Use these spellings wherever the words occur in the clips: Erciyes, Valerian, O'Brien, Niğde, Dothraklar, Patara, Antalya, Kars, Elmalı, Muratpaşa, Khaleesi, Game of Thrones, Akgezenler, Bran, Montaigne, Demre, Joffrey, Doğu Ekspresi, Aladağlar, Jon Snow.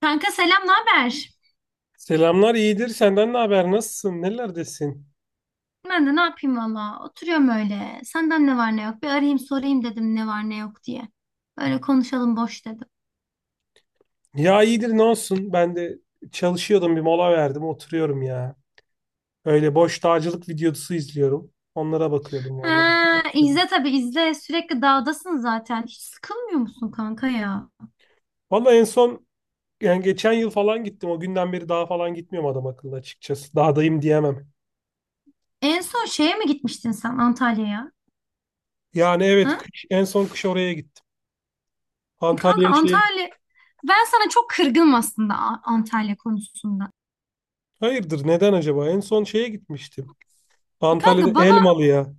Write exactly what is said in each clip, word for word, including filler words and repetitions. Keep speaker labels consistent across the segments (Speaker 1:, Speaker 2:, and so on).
Speaker 1: Kanka selam, ne haber?
Speaker 2: Selamlar, iyidir. Senden ne haber? Nasılsın? Nelerdesin?
Speaker 1: Ben de ne yapayım valla. Oturuyorum öyle. Senden ne var ne yok. Bir arayayım sorayım dedim ne var ne yok diye. Öyle konuşalım boş dedim.
Speaker 2: Ya iyidir, ne olsun? Ben de çalışıyordum, bir mola verdim, oturuyorum ya. Öyle boş dağcılık videosu izliyorum. Onlara bakıyordum
Speaker 1: Ha,
Speaker 2: vallahi.
Speaker 1: izle tabii izle. Sürekli dağdasın zaten. Hiç sıkılmıyor musun kanka ya?
Speaker 2: Vallahi en son, yani geçen yıl falan gittim. O günden beri daha falan gitmiyorum adam akıllı, açıkçası. Dağdayım diyemem.
Speaker 1: En son şeye mi gitmiştin sen Antalya'ya?
Speaker 2: Yani evet
Speaker 1: Ha?
Speaker 2: kış, en son kış oraya gittim.
Speaker 1: Kanka
Speaker 2: Antalya'ya, şeye.
Speaker 1: Antalya... Ben sana çok kırgınım aslında A- Antalya konusunda.
Speaker 2: Hayırdır, neden acaba? En son şeye gitmiştim.
Speaker 1: Kanka
Speaker 2: Antalya'da
Speaker 1: bana
Speaker 2: Elmalı'ya.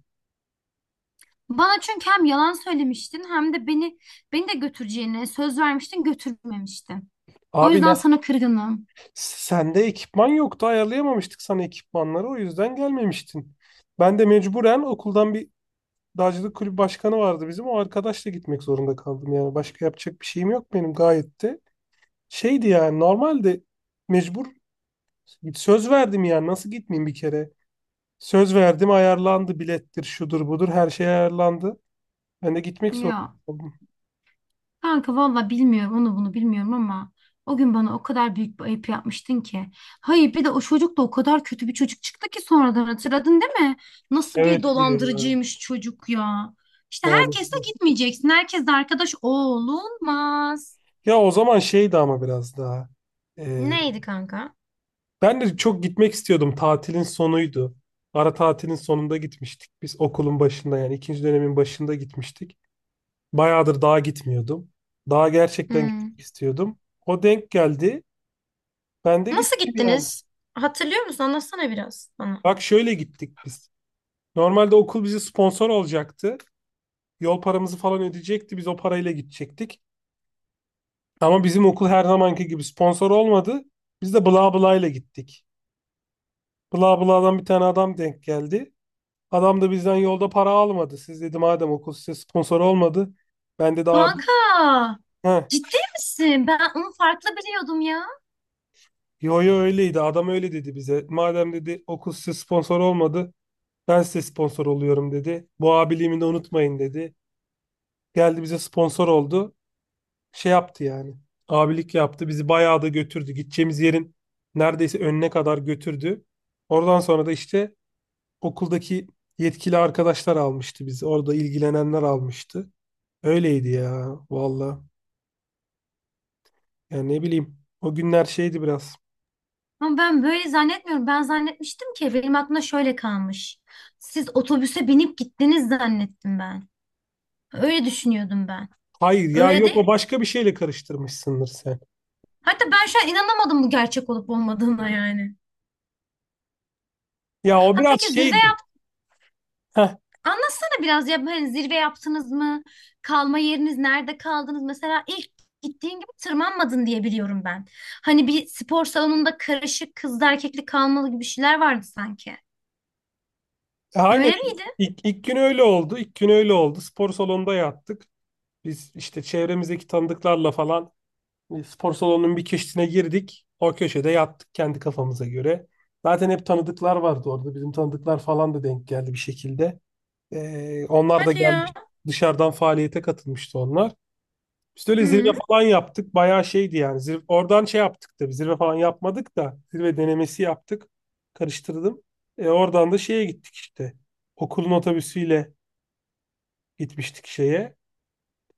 Speaker 1: bana çünkü hem yalan söylemiştin hem de beni beni de götüreceğine söz vermiştin götürmemiştin. O
Speaker 2: Abi
Speaker 1: yüzden
Speaker 2: nasıl.
Speaker 1: sana kırgınım.
Speaker 2: Sende ekipman yoktu, ayarlayamamıştık sana ekipmanları, o yüzden gelmemiştin. Ben de mecburen okuldan bir dağcılık kulübü başkanı vardı bizim, o arkadaşla gitmek zorunda kaldım yani. Başka yapacak bir şeyim yok benim gayet de. Şeydi yani, normalde mecbur, söz verdim yani, nasıl gitmeyeyim bir kere. Söz verdim, ayarlandı, bilettir şudur budur her şey ayarlandı. Ben de gitmek zorunda
Speaker 1: Ya
Speaker 2: kaldım.
Speaker 1: kanka valla bilmiyorum onu bunu bilmiyorum ama o gün bana o kadar büyük bir ayıp yapmıştın ki. Hayır bir de o çocuk da o kadar kötü bir çocuk çıktı ki sonradan hatırladın değil mi? Nasıl bir
Speaker 2: Evet, diyor ya
Speaker 1: dolandırıcıymış çocuk ya. İşte herkesle
Speaker 2: maalesef.
Speaker 1: gitmeyeceksin. Herkesle arkadaş olunmaz.
Speaker 2: Ya o zaman şeydi ama biraz daha.
Speaker 1: Neydi kanka?
Speaker 2: Ben de çok gitmek istiyordum. Tatilin sonuydu. Ara tatilin sonunda gitmiştik. Biz okulun başında yani ikinci dönemin başında gitmiştik. Bayağıdır dağa gitmiyordum. Dağa gerçekten gitmek
Speaker 1: Hmm.
Speaker 2: istiyordum. O denk geldi. Ben de
Speaker 1: Nasıl
Speaker 2: gittim yani.
Speaker 1: gittiniz? Hatırlıyor musun? Anlatsana biraz bana.
Speaker 2: Bak, şöyle gittik biz. Normalde okul bizi sponsor olacaktı. Yol paramızı falan ödeyecekti. Biz o parayla gidecektik. Ama bizim okul her zamanki gibi sponsor olmadı. Biz de bla bla ile gittik. Bla bla'dan bir tane adam denk geldi. Adam da bizden yolda para almadı. Siz, dedi, madem okul size sponsor olmadı. Ben, dedi, abi.
Speaker 1: Kanka
Speaker 2: He,
Speaker 1: ciddi misin? Ben onu farklı biliyordum ya.
Speaker 2: yo yo, öyleydi. Adam öyle dedi bize. Madem, dedi, okul size sponsor olmadı. Ben size sponsor oluyorum, dedi. Bu abiliğimi de unutmayın, dedi. Geldi, bize sponsor oldu. Şey yaptı yani. Abilik yaptı. Bizi bayağı da götürdü. Gideceğimiz yerin neredeyse önüne kadar götürdü. Oradan sonra da işte okuldaki yetkili arkadaşlar almıştı bizi. Orada ilgilenenler almıştı. Öyleydi ya valla. Ya ne bileyim. O günler şeydi biraz.
Speaker 1: Ama ben böyle zannetmiyorum. Ben zannetmiştim ki benim aklımda şöyle kalmış. Siz otobüse binip gittiniz zannettim ben. Öyle düşünüyordum ben.
Speaker 2: Hayır ya,
Speaker 1: Öyle
Speaker 2: yok,
Speaker 1: değil.
Speaker 2: o başka bir şeyle karıştırmışsındır sen.
Speaker 1: Hatta ben şu an inanamadım bu gerçek olup olmadığına yani.
Speaker 2: Ya o
Speaker 1: Ha
Speaker 2: biraz
Speaker 1: peki zirve
Speaker 2: şeydi.
Speaker 1: yap
Speaker 2: Heh,
Speaker 1: anlatsana biraz ya hani zirve yaptınız mı? Kalma yeriniz nerede kaldınız? Mesela ilk gittiğin gibi tırmanmadın diye biliyorum ben. Hani bir spor salonunda karışık kızlı erkekli kalmalı gibi şeyler vardı sanki.
Speaker 2: e, aynen
Speaker 1: Öyle
Speaker 2: ilk,
Speaker 1: miydi?
Speaker 2: ilk, ilk gün öyle oldu. İlk gün öyle oldu. Spor salonunda yattık. Biz işte çevremizdeki tanıdıklarla falan e, spor salonunun bir köşesine girdik. O köşede yattık kendi kafamıza göre. Zaten hep tanıdıklar vardı orada. Bizim tanıdıklar falan da denk geldi bir şekilde. Ee, onlar da gelmiş. Dışarıdan faaliyete katılmıştı onlar. Biz öyle zirve
Speaker 1: Hmm.
Speaker 2: falan yaptık. Bayağı şeydi yani. Zirve, oradan şey yaptık da, zirve falan yapmadık da. Zirve denemesi yaptık. Karıştırdım. E, oradan da şeye gittik işte. Okulun otobüsüyle gitmiştik şeye.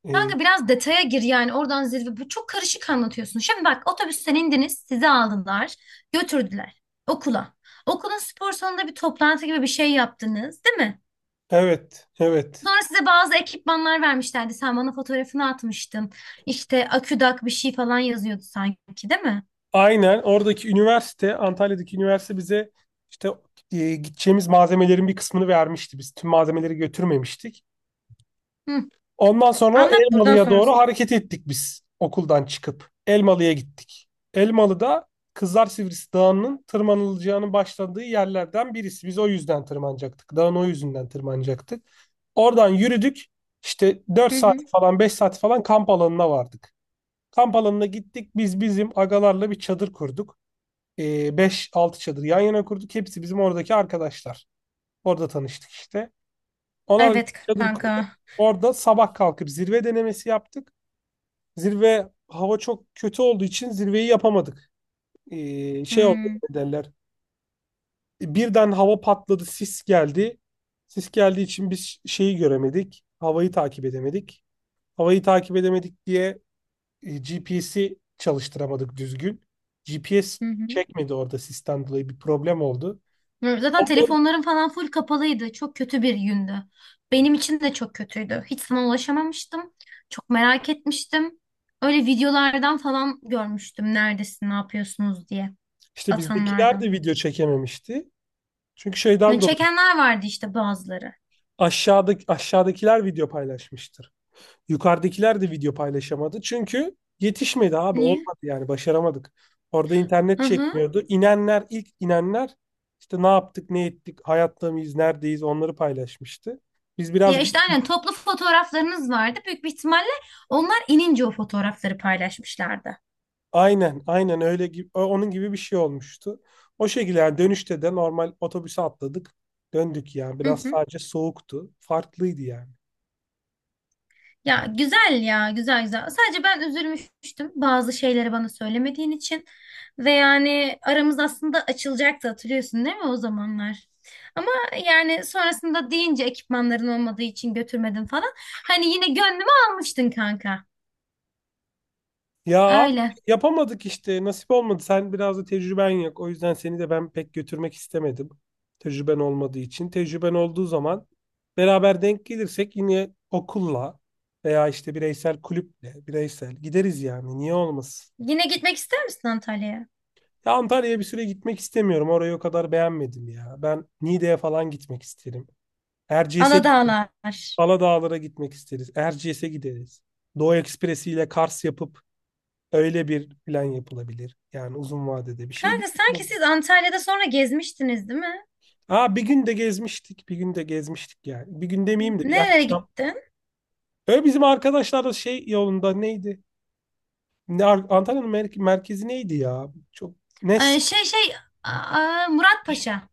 Speaker 2: E,
Speaker 1: Kanka biraz detaya gir yani oradan zirve. Bu çok karışık anlatıyorsun. Şimdi bak otobüsten indiniz, sizi aldılar, götürdüler okula. Okulun spor salonunda bir toplantı gibi bir şey yaptınız, değil mi?
Speaker 2: evet, evet.
Speaker 1: Sonra size bazı ekipmanlar vermişlerdi. Sen bana fotoğrafını atmıştın. İşte aküdak bir şey falan yazıyordu sanki, değil mi?
Speaker 2: Aynen oradaki üniversite, Antalya'daki üniversite bize işte e, gideceğimiz malzemelerin bir kısmını vermişti. Biz tüm malzemeleri götürmemiştik.
Speaker 1: Hı.
Speaker 2: Ondan sonra
Speaker 1: Anlat buradan
Speaker 2: Elmalı'ya doğru
Speaker 1: sonrası.
Speaker 2: hareket ettik biz okuldan çıkıp. Elmalı'ya gittik. Elmalı'da Kızlar Sivrisi Dağı'nın tırmanılacağının başladığı yerlerden birisi. Biz o yüzden tırmanacaktık. Dağın o yüzünden tırmanacaktık. Oradan yürüdük. İşte dört
Speaker 1: Hı hı.
Speaker 2: saat falan, beş saat falan kamp alanına vardık. Kamp alanına gittik. Biz bizim agalarla bir çadır kurduk. Ee, beş altı çadır yan yana kurduk. Hepsi bizim oradaki arkadaşlar. Orada tanıştık işte. Ona
Speaker 1: Evet
Speaker 2: çadır kurduk.
Speaker 1: kanka.
Speaker 2: Orada sabah kalkıp zirve denemesi yaptık. Zirve hava çok kötü olduğu için zirveyi yapamadık. Ee, şey oldu,
Speaker 1: Hı
Speaker 2: ne derler. Birden hava patladı, sis geldi. Sis geldiği için biz şeyi göremedik. Havayı takip edemedik. Havayı takip edemedik diye G P S'yi çalıştıramadık düzgün. G P S
Speaker 1: hı.
Speaker 2: çekmedi orada, sisten dolayı bir problem oldu.
Speaker 1: Hı, zaten
Speaker 2: Ondan
Speaker 1: telefonlarım falan full kapalıydı. Çok kötü bir gündü. Benim için de çok kötüydü. Hiç sana ulaşamamıştım. Çok merak etmiştim. Öyle videolardan falan görmüştüm. Neredesin, ne yapıyorsunuz diye.
Speaker 2: işte bizdekiler de
Speaker 1: Atanlardan.
Speaker 2: video çekememişti. Çünkü
Speaker 1: Ya
Speaker 2: şeyden dolayı
Speaker 1: çekenler vardı işte bazıları.
Speaker 2: Aşağıdaki, aşağıdakiler video paylaşmıştır. Yukarıdakiler de video paylaşamadı. Çünkü yetişmedi abi,
Speaker 1: Niye?
Speaker 2: olmadı yani, başaramadık. Orada internet
Speaker 1: Hı hı.
Speaker 2: çekmiyordu. İnenler, ilk inenler işte ne yaptık ne ettik, hayatta mıyız, neredeyiz, onları paylaşmıştı. Biz biraz
Speaker 1: Ya işte
Speaker 2: ge-
Speaker 1: aynen toplu fotoğraflarınız vardı. Büyük bir ihtimalle onlar inince o fotoğrafları paylaşmışlardı.
Speaker 2: aynen aynen öyle gibi, onun gibi bir şey olmuştu. O şekilde yani, dönüşte de normal otobüse atladık, döndük yani.
Speaker 1: Hı
Speaker 2: Biraz
Speaker 1: hı.
Speaker 2: sadece soğuktu, farklıydı yani.
Speaker 1: Ya güzel ya güzel güzel. Sadece ben üzülmüştüm bazı şeyleri bana söylemediğin için. Ve yani aramız aslında açılacaktı hatırlıyorsun değil mi o zamanlar? Ama yani sonrasında deyince ekipmanların olmadığı için götürmedim falan. Hani yine gönlümü almıştın kanka.
Speaker 2: Ya abi,
Speaker 1: Öyle.
Speaker 2: yapamadık işte, nasip olmadı. Sen biraz da tecrüben yok. O yüzden seni de ben pek götürmek istemedim. Tecrüben olmadığı için. Tecrüben olduğu zaman beraber denk gelirsek yine okulla veya işte bireysel, kulüple, bireysel gideriz yani. Niye olmasın?
Speaker 1: Yine gitmek ister misin Antalya'ya?
Speaker 2: Ya Antalya'ya bir süre gitmek istemiyorum. Orayı o kadar beğenmedim ya. Ben Niğde'ye falan gitmek isterim. Erciyes'e,
Speaker 1: Aladağlar.
Speaker 2: Aladağlara gitmek isteriz. Erciyes'e gideriz. Doğu Ekspresi ile Kars yapıp öyle bir plan yapılabilir. Yani uzun vadede bir şey değil.
Speaker 1: Kanka sanki siz Antalya'da sonra gezmiştiniz değil mi?
Speaker 2: Aa, bir gün de gezmiştik. Bir gün de gezmiştik yani. Bir gün demeyeyim de, bir
Speaker 1: Nerelere
Speaker 2: akşam.
Speaker 1: gittin?
Speaker 2: Öyle bizim arkadaşlar da şey yolunda, neydi? Ne, Ar- Antalya'nın mer- merkezi neydi ya? Çok ne s-
Speaker 1: Ee, şey şey Aa, Muratpaşa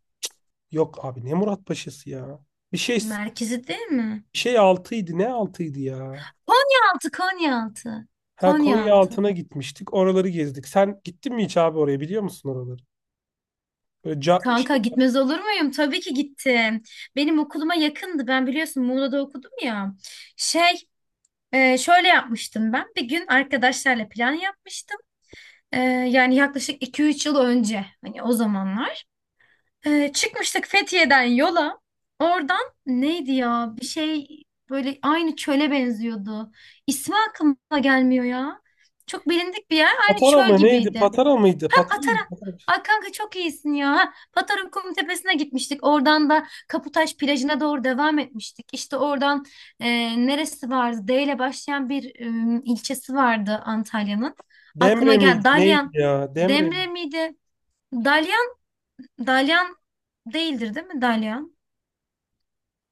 Speaker 2: yok abi, ne Muratpaşa'sı ya. Bir şey,
Speaker 1: merkezi değil mi?
Speaker 2: bir şey altıydı. Ne altıydı ya?
Speaker 1: Konyaaltı, Konyaaltı.
Speaker 2: Ha, Konya
Speaker 1: Konyaaltı.
Speaker 2: altına gitmiştik. Oraları gezdik. Sen gittin mi hiç abi oraya, biliyor musun oraları? Böyle ca- şey,
Speaker 1: Kanka gitmez olur muyum? Tabii ki gittim. Benim okuluma yakındı. Ben biliyorsun Muğla'da okudum ya. Şey, e, Şöyle yapmıştım ben. Bir gün arkadaşlarla plan yapmıştım. E, yani yaklaşık iki üç yıl önce. Hani o zamanlar. E, çıkmıştık Fethiye'den yola. Oradan neydi ya? Bir şey böyle aynı çöle benziyordu. İsmi aklıma gelmiyor ya. Çok bilindik bir yer. Aynı
Speaker 2: Patara
Speaker 1: çöl
Speaker 2: mı neydi?
Speaker 1: gibiydi.
Speaker 2: Patara mıydı?
Speaker 1: Ha
Speaker 2: Patara mı?
Speaker 1: Patara. Ay kanka çok iyisin ya. Ha, Patara Kumu Tepesi'ne gitmiştik. Oradan da Kaputaş plajına doğru devam etmiştik. İşte oradan e, neresi vardı? D ile başlayan bir e, ilçesi vardı Antalya'nın. Aklıma
Speaker 2: Demre miydi?
Speaker 1: gel.
Speaker 2: Neydi
Speaker 1: Dalyan.
Speaker 2: ya? Demre mi?
Speaker 1: Demre miydi? Dalyan. Dalyan değildir değil mi? Dalyan.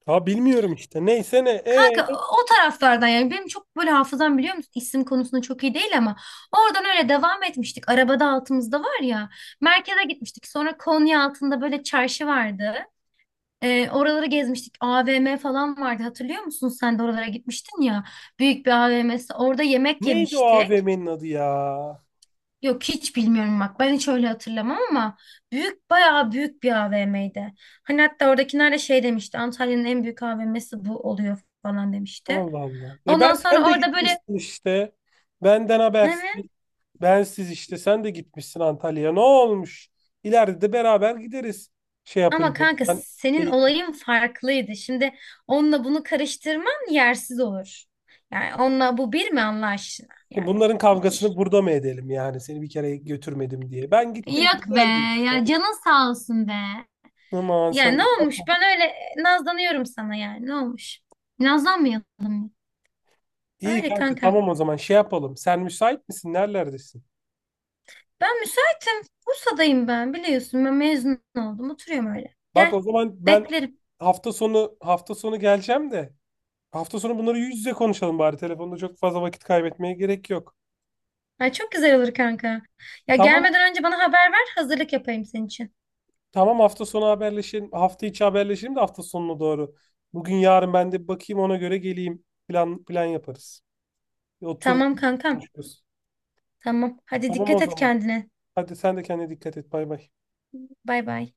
Speaker 2: Ha, bilmiyorum işte. Neyse ne. E,
Speaker 1: Kanka o taraflardan yani benim çok böyle hafızam biliyor musun isim konusunda çok iyi değil ama oradan öyle devam etmiştik. Arabada altımızda var ya merkeze gitmiştik sonra Konya altında böyle çarşı vardı. Ee, oraları gezmiştik A V M falan vardı hatırlıyor musun sen de oralara gitmiştin ya büyük bir A V M'si orada yemek
Speaker 2: neydi o
Speaker 1: yemiştik.
Speaker 2: A V M'nin adı ya?
Speaker 1: Yok hiç bilmiyorum bak ben hiç öyle hatırlamam ama büyük bayağı büyük bir A V M'ydi. Hani hatta oradakiler de şey demişti Antalya'nın en büyük A V M'si bu oluyor falan demişti.
Speaker 2: Allah Allah. E
Speaker 1: Ondan
Speaker 2: ben, sen
Speaker 1: sonra
Speaker 2: de
Speaker 1: orada böyle
Speaker 2: gitmişsin işte. Benden
Speaker 1: ne mi?
Speaker 2: habersiz. Bensiz işte. Sen de gitmişsin Antalya'ya. Ne olmuş? İleride de beraber gideriz. Şey
Speaker 1: Ama
Speaker 2: yapınca.
Speaker 1: kanka
Speaker 2: Ben,
Speaker 1: senin
Speaker 2: e,
Speaker 1: olayın farklıydı. Şimdi onunla bunu karıştırman yersiz olur. Yani onunla bu bir mi Allah aşkına
Speaker 2: şimdi
Speaker 1: yani
Speaker 2: bunların
Speaker 1: hiç.
Speaker 2: kavgasını burada mı edelim yani? Seni bir kere götürmedim diye. Ben gittim.
Speaker 1: Yok be
Speaker 2: Güzeldi.
Speaker 1: ya canın sağ olsun be.
Speaker 2: Aman
Speaker 1: Yani ne
Speaker 2: sen.
Speaker 1: olmuş ben öyle e, nazlanıyorum sana yani ne olmuş. Nazlanmayalım.
Speaker 2: İyi
Speaker 1: Öyle
Speaker 2: kanka,
Speaker 1: kanka.
Speaker 2: tamam, o zaman şey yapalım. Sen müsait misin? Nerelerdesin?
Speaker 1: Ben müsaitim. Bursa'dayım ben biliyorsun. Ben mezun oldum. Oturuyorum öyle.
Speaker 2: Bak
Speaker 1: Gel.
Speaker 2: o zaman ben
Speaker 1: Beklerim.
Speaker 2: hafta sonu hafta sonu geleceğim de hafta sonu bunları yüz yüze konuşalım bari. Telefonda çok fazla vakit kaybetmeye gerek yok.
Speaker 1: Ay çok güzel olur kanka. Ya
Speaker 2: Tamam
Speaker 1: gelmeden önce bana haber ver. Hazırlık yapayım senin için.
Speaker 2: tamam hafta sonu haberleşelim. Hafta içi haberleşelim de hafta sonuna doğru. Bugün yarın ben de bir bakayım, ona göre geleyim. Plan plan yaparız. Bir otur
Speaker 1: Tamam kankam.
Speaker 2: konuşuruz.
Speaker 1: Tamam. Hadi
Speaker 2: Tamam o
Speaker 1: dikkat et
Speaker 2: zaman.
Speaker 1: kendine.
Speaker 2: Hadi sen de kendine dikkat et. Bay bay.
Speaker 1: Bay bay.